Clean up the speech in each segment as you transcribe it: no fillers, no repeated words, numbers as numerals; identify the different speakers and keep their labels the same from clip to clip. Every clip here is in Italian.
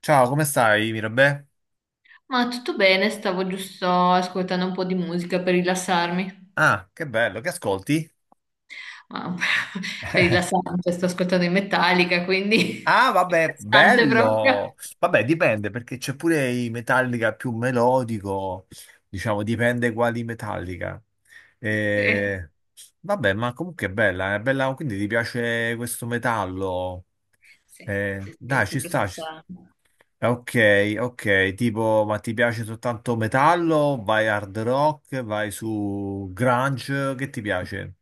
Speaker 1: Ciao, come stai, Mirabè?
Speaker 2: Ma tutto bene, stavo giusto ascoltando un po' di musica per rilassarmi.
Speaker 1: Ah, che bello, che ascolti?
Speaker 2: Ma per rilassarmi, cioè, sto ascoltando in Metallica, quindi
Speaker 1: Ah, vabbè,
Speaker 2: interessante proprio.
Speaker 1: bello! Vabbè, dipende, perché c'è pure i Metallica più melodico, diciamo, dipende quali Metallica.
Speaker 2: Sì,
Speaker 1: Eh, Vabbè, ma comunque è bella, quindi ti piace questo metallo?
Speaker 2: sì, sì, sì,
Speaker 1: Dai, ci
Speaker 2: sempre
Speaker 1: sta, ci sta.
Speaker 2: stato.
Speaker 1: Ok, ok, tipo, ma ti piace soltanto metallo? Vai hard rock, vai su grunge, che ti piace?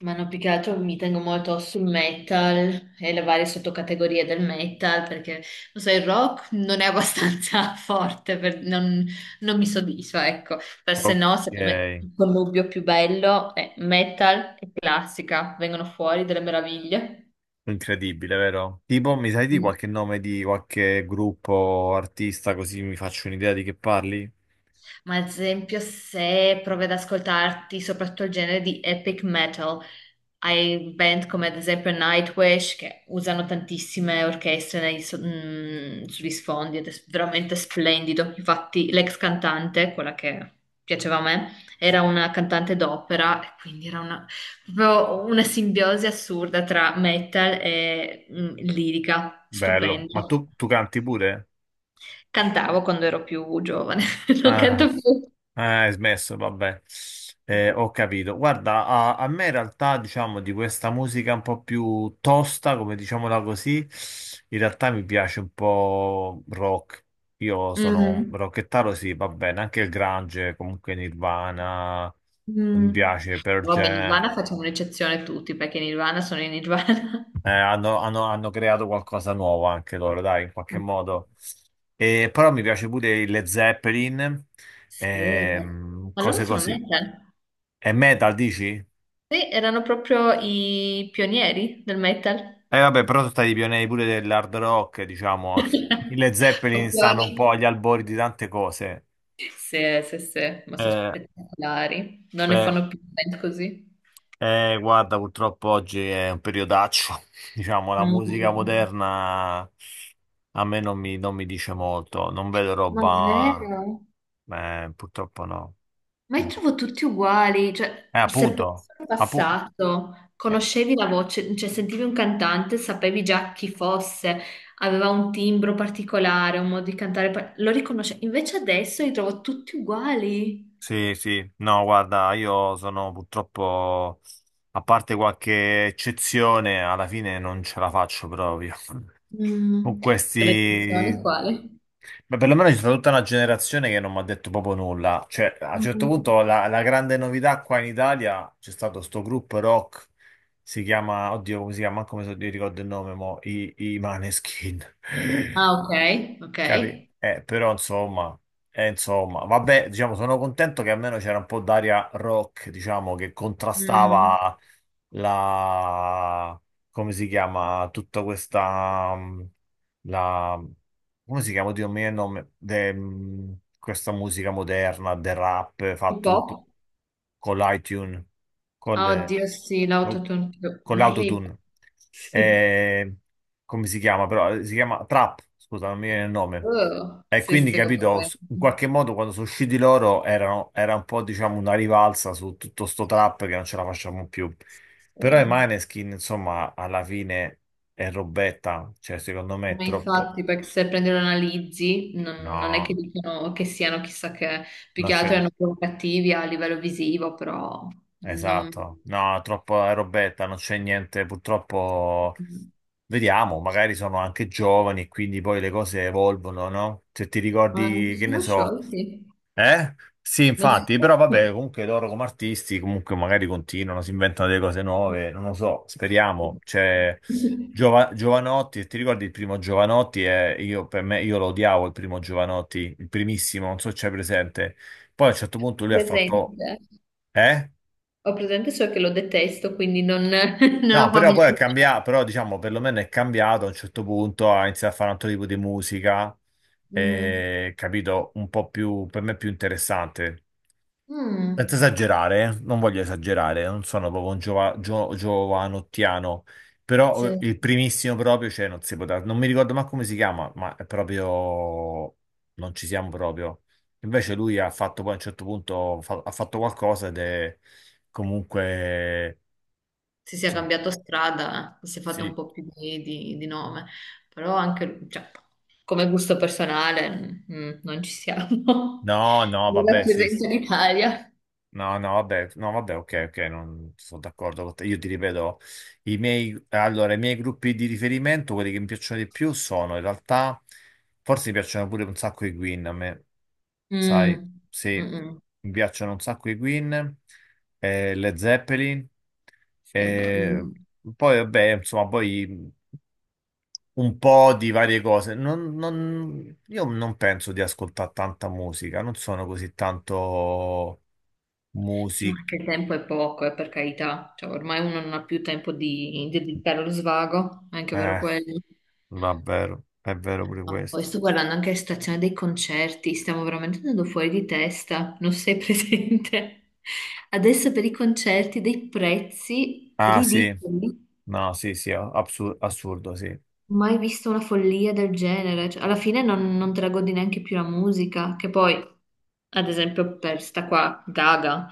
Speaker 2: Ma no, più che altro mi tengo molto sul metal e le varie sottocategorie del metal perché, lo so, il rock non è abbastanza forte, non, non mi soddisfa, ecco. Per se
Speaker 1: Ok.
Speaker 2: no, secondo me il connubio più bello è metal e classica, vengono fuori delle meraviglie.
Speaker 1: Incredibile, vero? Tipo, mi sai di qualche nome di qualche gruppo, artista, così mi faccio un'idea di che parli?
Speaker 2: Ma ad esempio, se provi ad ascoltarti soprattutto il genere di epic metal, hai band come ad esempio Nightwish che usano tantissime orchestre sugli sfondi ed è veramente splendido. Infatti, l'ex cantante, quella che piaceva a me, era una cantante d'opera e quindi era una, proprio una simbiosi assurda tra metal e lirica,
Speaker 1: Bello. Ma
Speaker 2: stupenda.
Speaker 1: tu canti pure?
Speaker 2: Cantavo quando ero più giovane, non
Speaker 1: Ah,
Speaker 2: canto più.
Speaker 1: ah, hai smesso, vabbè. Ho capito. Guarda, a me in realtà, diciamo, di questa musica un po' più tosta, come diciamola così, in realtà mi piace un po' rock. Io sono
Speaker 2: Mm,
Speaker 1: rockettaro, sì, va bene, anche il grunge, comunque Nirvana, mi
Speaker 2: mm.
Speaker 1: piace Pearl
Speaker 2: Vabbè, in
Speaker 1: Jam.
Speaker 2: Nirvana facciamo un'eccezione tutti perché Nirvana sono in Nirvana.
Speaker 1: Hanno creato qualcosa nuovo anche loro, dai, in qualche modo. E, però mi piace pure il Led Zeppelin,
Speaker 2: Sì, beh, ma loro
Speaker 1: cose
Speaker 2: sono
Speaker 1: così.
Speaker 2: metal.
Speaker 1: È metal, dici?
Speaker 2: Sì, erano proprio i pionieri del metal.
Speaker 1: Eh vabbè, però sono stati pionieri pure dell'hard rock, diciamo. I Led Zeppelin stanno un po'
Speaker 2: Copioni.
Speaker 1: agli albori di tante cose.
Speaker 2: Sì, sì, sì, ma sono
Speaker 1: Eh,
Speaker 2: spettacolari. Non ne
Speaker 1: eh,
Speaker 2: fanno più band così.
Speaker 1: Guarda, purtroppo oggi è un periodaccio. Diciamo, la
Speaker 2: Mm,
Speaker 1: musica
Speaker 2: mm, mm.
Speaker 1: moderna a me non mi dice molto. Non vedo
Speaker 2: Ma
Speaker 1: roba...
Speaker 2: vero?
Speaker 1: purtroppo no.
Speaker 2: Ma li
Speaker 1: Eh,
Speaker 2: trovo tutti uguali, cioè se
Speaker 1: Appunto,
Speaker 2: penso al
Speaker 1: appu-
Speaker 2: passato,
Speaker 1: eh,
Speaker 2: conoscevi la voce, cioè sentivi un cantante, sapevi già chi fosse, aveva un timbro particolare, un modo di cantare, lo riconoscevi. Invece adesso li trovo tutti uguali.
Speaker 1: sì, sì, no, guarda, io sono purtroppo, a parte qualche eccezione, alla fine non ce la faccio proprio. Con
Speaker 2: Mm. Per eccezione
Speaker 1: questi...
Speaker 2: quale?
Speaker 1: Beh, perlomeno c'è stata tutta una generazione che non mi ha detto proprio nulla. Cioè, a un certo
Speaker 2: Mm.
Speaker 1: punto la grande novità qua in Italia c'è stato sto gruppo rock, si chiama, oddio, come si chiama, manco mi ricordo il nome, mo, i Maneskin.
Speaker 2: Ah, ok, ok.
Speaker 1: Capi? Però insomma, insomma, vabbè, diciamo, sono contento che almeno c'era un po' d'aria rock, diciamo, che
Speaker 2: Mm.
Speaker 1: contrastava la, come si chiama, tutta questa, la, come si chiama, Dio mio, il nome, questa musica moderna, del rap,
Speaker 2: Hip
Speaker 1: fatto tutto
Speaker 2: hop?
Speaker 1: con l'iTunes, con
Speaker 2: Ah,
Speaker 1: le-
Speaker 2: oddio, sì,
Speaker 1: col-
Speaker 2: l'autotune,
Speaker 1: con
Speaker 2: orribile.
Speaker 1: l'autotune.
Speaker 2: Sì.
Speaker 1: Eh, Come si chiama però? Si chiama Trap, scusa, non mi viene il nome.
Speaker 2: Oh,
Speaker 1: E
Speaker 2: sì,
Speaker 1: quindi
Speaker 2: sì,
Speaker 1: capito,
Speaker 2: ovviamente.
Speaker 1: in qualche modo quando sono usciti loro erano, era un po' diciamo una rivalsa su tutto sto trap che non ce la facciamo più.
Speaker 2: Sì.
Speaker 1: Però i Maneskin, insomma, alla fine è robetta, cioè secondo me è
Speaker 2: Ma
Speaker 1: troppo...
Speaker 2: infatti, perché se prendi e lo analizzi, non è che
Speaker 1: No,
Speaker 2: dicono che siano chissà che, più
Speaker 1: non
Speaker 2: che altro
Speaker 1: c'è...
Speaker 2: erano provocativi a livello visivo, però non,
Speaker 1: Esatto, no, troppo è robetta, non c'è niente, purtroppo... Vediamo, magari sono anche giovani e quindi poi le cose evolvono, no? Se ti
Speaker 2: ma non
Speaker 1: ricordi, che ne
Speaker 2: sono
Speaker 1: so
Speaker 2: sciolti.
Speaker 1: eh? Sì,
Speaker 2: Non si...
Speaker 1: infatti, però vabbè, comunque loro come artisti comunque magari continuano, si inventano delle cose nuove, non lo so, speriamo. C'è Giovanotti, ti ricordi il primo Giovanotti? Io, per me, io lo odiavo il primo Giovanotti, il primissimo, non so se c'è presente. Poi a un certo punto lui ha
Speaker 2: Presente.
Speaker 1: fatto... Eh?
Speaker 2: Ho presente solo che lo detesto, quindi non, non ho
Speaker 1: No, però poi è
Speaker 2: familiarità.
Speaker 1: cambiato, però diciamo perlomeno è cambiato a un certo punto, ha iniziato a fare un altro tipo di musica,
Speaker 2: Mm.
Speaker 1: capito, un po' più, per me più interessante. Senza
Speaker 2: Mm.
Speaker 1: esagerare, non voglio esagerare, non sono proprio un giovanottiano, però
Speaker 2: Sì,
Speaker 1: il primissimo proprio, cioè non si poteva, non mi ricordo manco come si chiama, ma è proprio, non ci siamo proprio. Invece lui ha fatto poi a un certo punto, ha fatto qualcosa ed è comunque,
Speaker 2: si sia
Speaker 1: insomma,
Speaker 2: cambiato strada, si è fatto un
Speaker 1: sì,
Speaker 2: po' più di, di nome, però anche cioè, come gusto personale mm, mm, non ci siamo.
Speaker 1: no, no,
Speaker 2: Mi
Speaker 1: vabbè, sì,
Speaker 2: rappresenta
Speaker 1: sì.
Speaker 2: l'Italia.
Speaker 1: No, no, vabbè, no, vabbè, ok, ok, non sono d'accordo con te. Io ti ripeto, i miei, allora, i miei gruppi di riferimento, quelli che mi piacciono di più, sono in realtà, forse mi piacciono pure un sacco i Queen a me, sai,
Speaker 2: Mm,
Speaker 1: sì,
Speaker 2: mm, mm.
Speaker 1: mi piacciono un sacco i Queen, Led Zeppelin,
Speaker 2: Sì, vabbè,
Speaker 1: eh,
Speaker 2: mm.
Speaker 1: poi vabbè, insomma, poi un po' di varie cose. Io non penso di ascoltare tanta musica, non sono così tanto
Speaker 2: Sì, ma
Speaker 1: music.
Speaker 2: anche il tempo è poco, per carità. Cioè, ormai uno non ha più tempo di dedicare allo svago, è anche vero
Speaker 1: Eh,
Speaker 2: quello.
Speaker 1: Vabbè, è vero pure
Speaker 2: Ma poi
Speaker 1: questo.
Speaker 2: sto guardando anche la situazione dei concerti, stiamo veramente andando fuori di testa, non sei presente? Adesso per i concerti dei prezzi
Speaker 1: Ah sì,
Speaker 2: ridicoli,
Speaker 1: no, sì, sì, assurdo, sì.
Speaker 2: mai visto una follia del genere. Cioè, alla fine non, non te la godi neanche più la musica, che poi, ad esempio per sta qua, Gaga,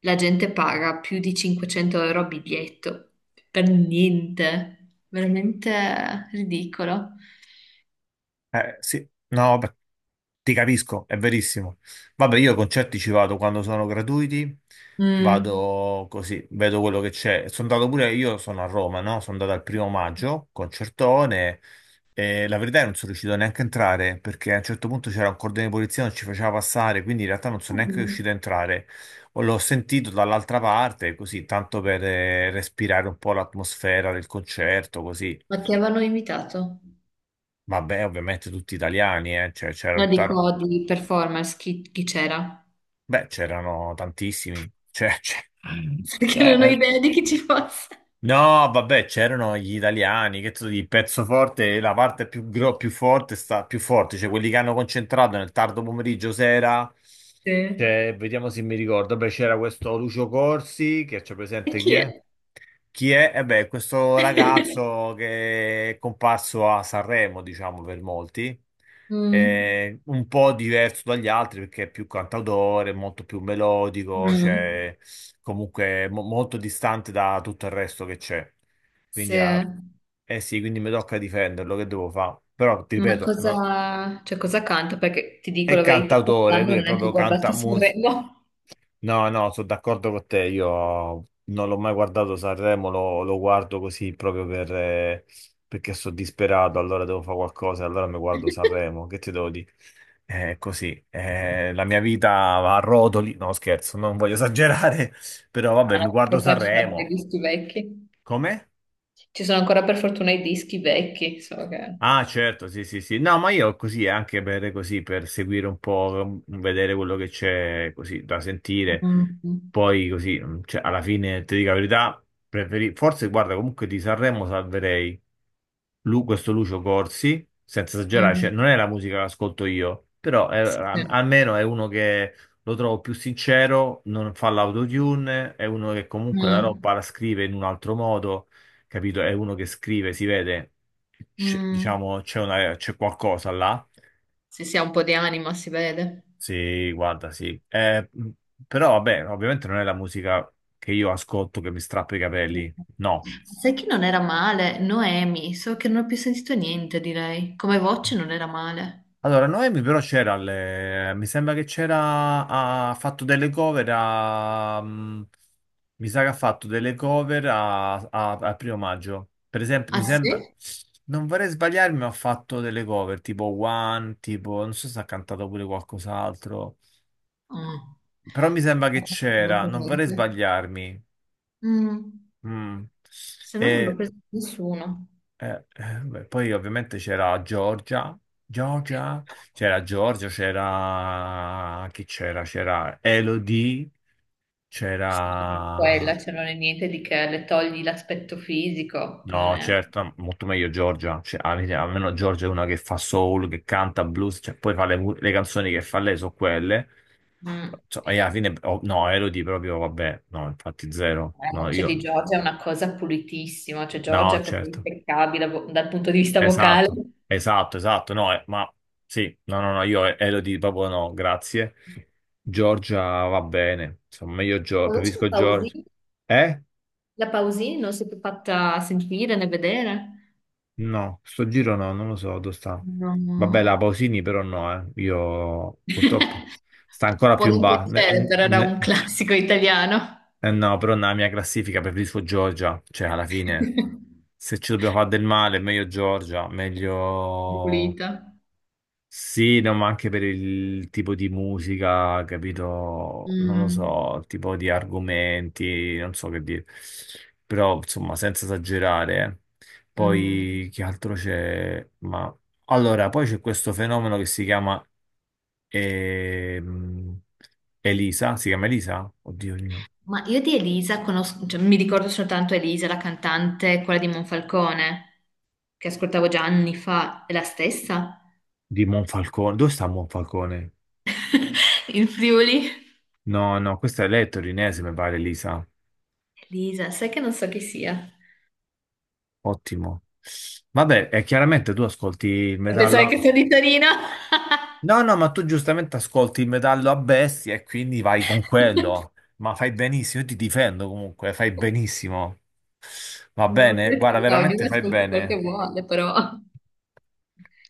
Speaker 2: la gente paga più di 500 € a biglietto, per niente, veramente ridicolo.
Speaker 1: Sì, no, beh, ti capisco, è verissimo. Vabbè, io a concerti ci vado quando sono gratuiti,
Speaker 2: Mm.
Speaker 1: vado così, vedo quello che c'è. Sono andato pure, io sono a Roma, no? Sono andato al primo maggio, concertone, e la verità è che non sono riuscito neanche a entrare, perché a un certo punto c'era un cordone di polizia, non ci faceva passare, quindi in realtà non sono neanche
Speaker 2: Mm.
Speaker 1: riuscito a entrare. O l'ho sentito dall'altra parte, così, tanto per respirare un po' l'atmosfera del concerto, così.
Speaker 2: Ma chi avevano invitato?
Speaker 1: Vabbè, ovviamente tutti italiani, cioè, c'era
Speaker 2: No,
Speaker 1: tutta
Speaker 2: dico di performance, chi, chi c'era?
Speaker 1: Beh, c'erano tantissimi. Cioè,
Speaker 2: Perché non ho
Speaker 1: c'è-
Speaker 2: idea di chi ci fosse.
Speaker 1: no, vabbè, c'erano gli italiani, che tu dici, il pezzo forte, la parte più, più forte sta più forte, cioè quelli che hanno concentrato nel tardo pomeriggio sera.
Speaker 2: Sì. E
Speaker 1: Cioè, vediamo se mi ricordo. Beh, c'era questo Lucio Corsi, che c'è presente chi
Speaker 2: chi
Speaker 1: è?
Speaker 2: è?
Speaker 1: Chi è? Eh beh, questo ragazzo che è comparso a Sanremo, diciamo per molti,
Speaker 2: Mm,
Speaker 1: è un po' diverso dagli altri perché è più cantautore, molto più melodico,
Speaker 2: mm,
Speaker 1: cioè comunque molto distante da tutto il resto che c'è.
Speaker 2: sì.
Speaker 1: Quindi, ah,
Speaker 2: Ma
Speaker 1: eh sì, quindi mi tocca difenderlo, che devo fare? Però, ti ripeto, no-
Speaker 2: cosa, cioè, cosa canta? Perché ti dico
Speaker 1: è
Speaker 2: la verità,
Speaker 1: cantautore,
Speaker 2: quest'anno
Speaker 1: lui
Speaker 2: non
Speaker 1: è
Speaker 2: ho neanche
Speaker 1: proprio
Speaker 2: guardato
Speaker 1: canta.
Speaker 2: Sanremo.
Speaker 1: No, no, sono d'accordo con te. Io non l'ho mai guardato Sanremo, lo guardo così proprio per, perché sono disperato. Allora devo fare qualcosa, allora mi guardo Sanremo. Che ti devo dire? È così. La mia vita va a rotoli. No, scherzo, non voglio esagerare, però
Speaker 2: Ah,
Speaker 1: vabbè, mi
Speaker 2: no, per
Speaker 1: guardo
Speaker 2: fortuna ci sono ancora i
Speaker 1: Sanremo.
Speaker 2: dischi vecchi.
Speaker 1: Come?
Speaker 2: Ci sono ancora per fortuna i dischi vecchi, so che...
Speaker 1: Ah, certo, sì, sì, sì. No, ma io così, anche per, così, per seguire un po', vedere quello che c'è così da sentire.
Speaker 2: Mm, mm,
Speaker 1: Poi così, cioè, alla fine, ti dico la verità, preferi... forse, guarda, comunque di Sanremo salverei questo Lucio Corsi, senza esagerare, cioè, non è la musica che ascolto io, però
Speaker 2: sì.
Speaker 1: almeno è uno che lo trovo più sincero, non fa l'autotune, è uno che comunque la
Speaker 2: Mm,
Speaker 1: roba la scrive in un altro modo, capito? È uno che scrive, si vede
Speaker 2: mm.
Speaker 1: diciamo, c'è qualcosa là.
Speaker 2: Se si ha un po' di anima, si vede.
Speaker 1: Sì, guarda, sì. Però vabbè, ovviamente non è la musica che io ascolto che mi strappa i capelli. No.
Speaker 2: Sai che non era male? Noemi, so che non ho più sentito niente di lei. Come voce non era male.
Speaker 1: Allora, Noemi però c'era, mi sembra che c'era, ha fatto delle cover a, mi sa che ha fatto delle cover a, al primo maggio. Per esempio,
Speaker 2: Ah
Speaker 1: mi sembra,
Speaker 2: sì?
Speaker 1: non vorrei sbagliarmi, ma ha fatto delle cover tipo One, tipo, non so se ha cantato pure qualcos'altro.
Speaker 2: Ah.
Speaker 1: Però mi sembra che
Speaker 2: Non ho
Speaker 1: c'era, non vorrei
Speaker 2: presente.
Speaker 1: sbagliarmi.
Speaker 2: Mm.
Speaker 1: Mm.
Speaker 2: Se no non l'ho
Speaker 1: E,
Speaker 2: presa nessuno.
Speaker 1: beh, poi ovviamente c'era Giorgia, Giorgia, c'era Giorgia, c'era... chi c'era? C'era Elodie,
Speaker 2: Sì, ma anche
Speaker 1: c'era...
Speaker 2: quella, cioè non è niente di che le togli l'aspetto fisico, non
Speaker 1: No,
Speaker 2: è...
Speaker 1: certo, molto meglio Giorgia. Cioè, almeno Giorgia è una che fa soul, che canta blues, cioè, poi fa le, le canzoni che fa lei sono quelle.
Speaker 2: Mm.
Speaker 1: Insomma, e alla fine, oh, no, Elodie proprio, vabbè, no, infatti zero,
Speaker 2: La
Speaker 1: no,
Speaker 2: voce di
Speaker 1: io,
Speaker 2: Giorgia è una cosa pulitissima, cioè Giorgia
Speaker 1: no,
Speaker 2: è proprio
Speaker 1: certo.
Speaker 2: impeccabile dal punto di vista vocale.
Speaker 1: Esatto,
Speaker 2: La
Speaker 1: esatto, esatto, no, ma sì, no, no, no, io Elodie proprio no, grazie. Giorgia va bene, insomma, meglio Giorgia,
Speaker 2: voce di
Speaker 1: preferisco Giorgia.
Speaker 2: Pausini.
Speaker 1: Eh?
Speaker 2: La Pausini non si è più fatta sentire né vedere?
Speaker 1: No, sto giro no, non lo so dove sta.
Speaker 2: No,
Speaker 1: Vabbè, la
Speaker 2: no.
Speaker 1: Pausini però no, eh. Io purtroppo sta ancora
Speaker 2: Può
Speaker 1: più in
Speaker 2: non
Speaker 1: basso.
Speaker 2: piacere, però era un classico italiano.
Speaker 1: Eh no, però nella mia classifica preferisco Giorgia, cioè alla fine se ci dobbiamo fare del male, meglio Giorgia, meglio...
Speaker 2: Pulita.
Speaker 1: Sì, no, ma anche per il tipo di musica, capito? Non lo
Speaker 2: Mm,
Speaker 1: so, tipo di argomenti, non so che dire. Però, insomma, senza esagerare.
Speaker 2: mm.
Speaker 1: Poi, che altro c'è? Ma... Allora, poi c'è questo fenomeno che si chiama ehm, Elisa, si chiama Elisa? Oddio mio.
Speaker 2: Ma io di Elisa conosco, cioè, mi ricordo soltanto Elisa, la cantante, quella di Monfalcone, che ascoltavo già anni fa, è la stessa
Speaker 1: Di Monfalcone. Dove sta Monfalcone?
Speaker 2: in Friuli.
Speaker 1: No, no, questa è lei è torinese, mi pare, Elisa.
Speaker 2: Elisa, sai che non so chi sia?
Speaker 1: Ottimo. Vabbè, e chiaramente tu ascolti il
Speaker 2: Pensare che
Speaker 1: metallo.
Speaker 2: sia di Torino?
Speaker 1: No, no, ma tu giustamente ascolti il metallo a bestia e quindi vai con quello. Ma fai benissimo, io ti difendo comunque, fai benissimo. Va
Speaker 2: No,
Speaker 1: bene? Guarda,
Speaker 2: perché no,
Speaker 1: veramente
Speaker 2: ognuno
Speaker 1: fai
Speaker 2: ascolti quel
Speaker 1: bene.
Speaker 2: che vuole, però.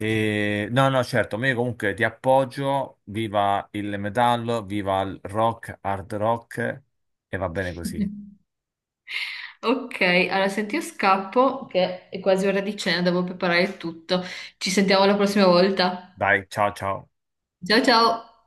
Speaker 1: No, no, certo, ma io comunque ti appoggio. Viva il metallo, viva il rock, hard rock e va bene così.
Speaker 2: Ok, allora senti, io scappo, che è quasi ora di cena, devo preparare tutto. Ci sentiamo la prossima volta.
Speaker 1: Dai, ciao ciao.
Speaker 2: Ciao ciao!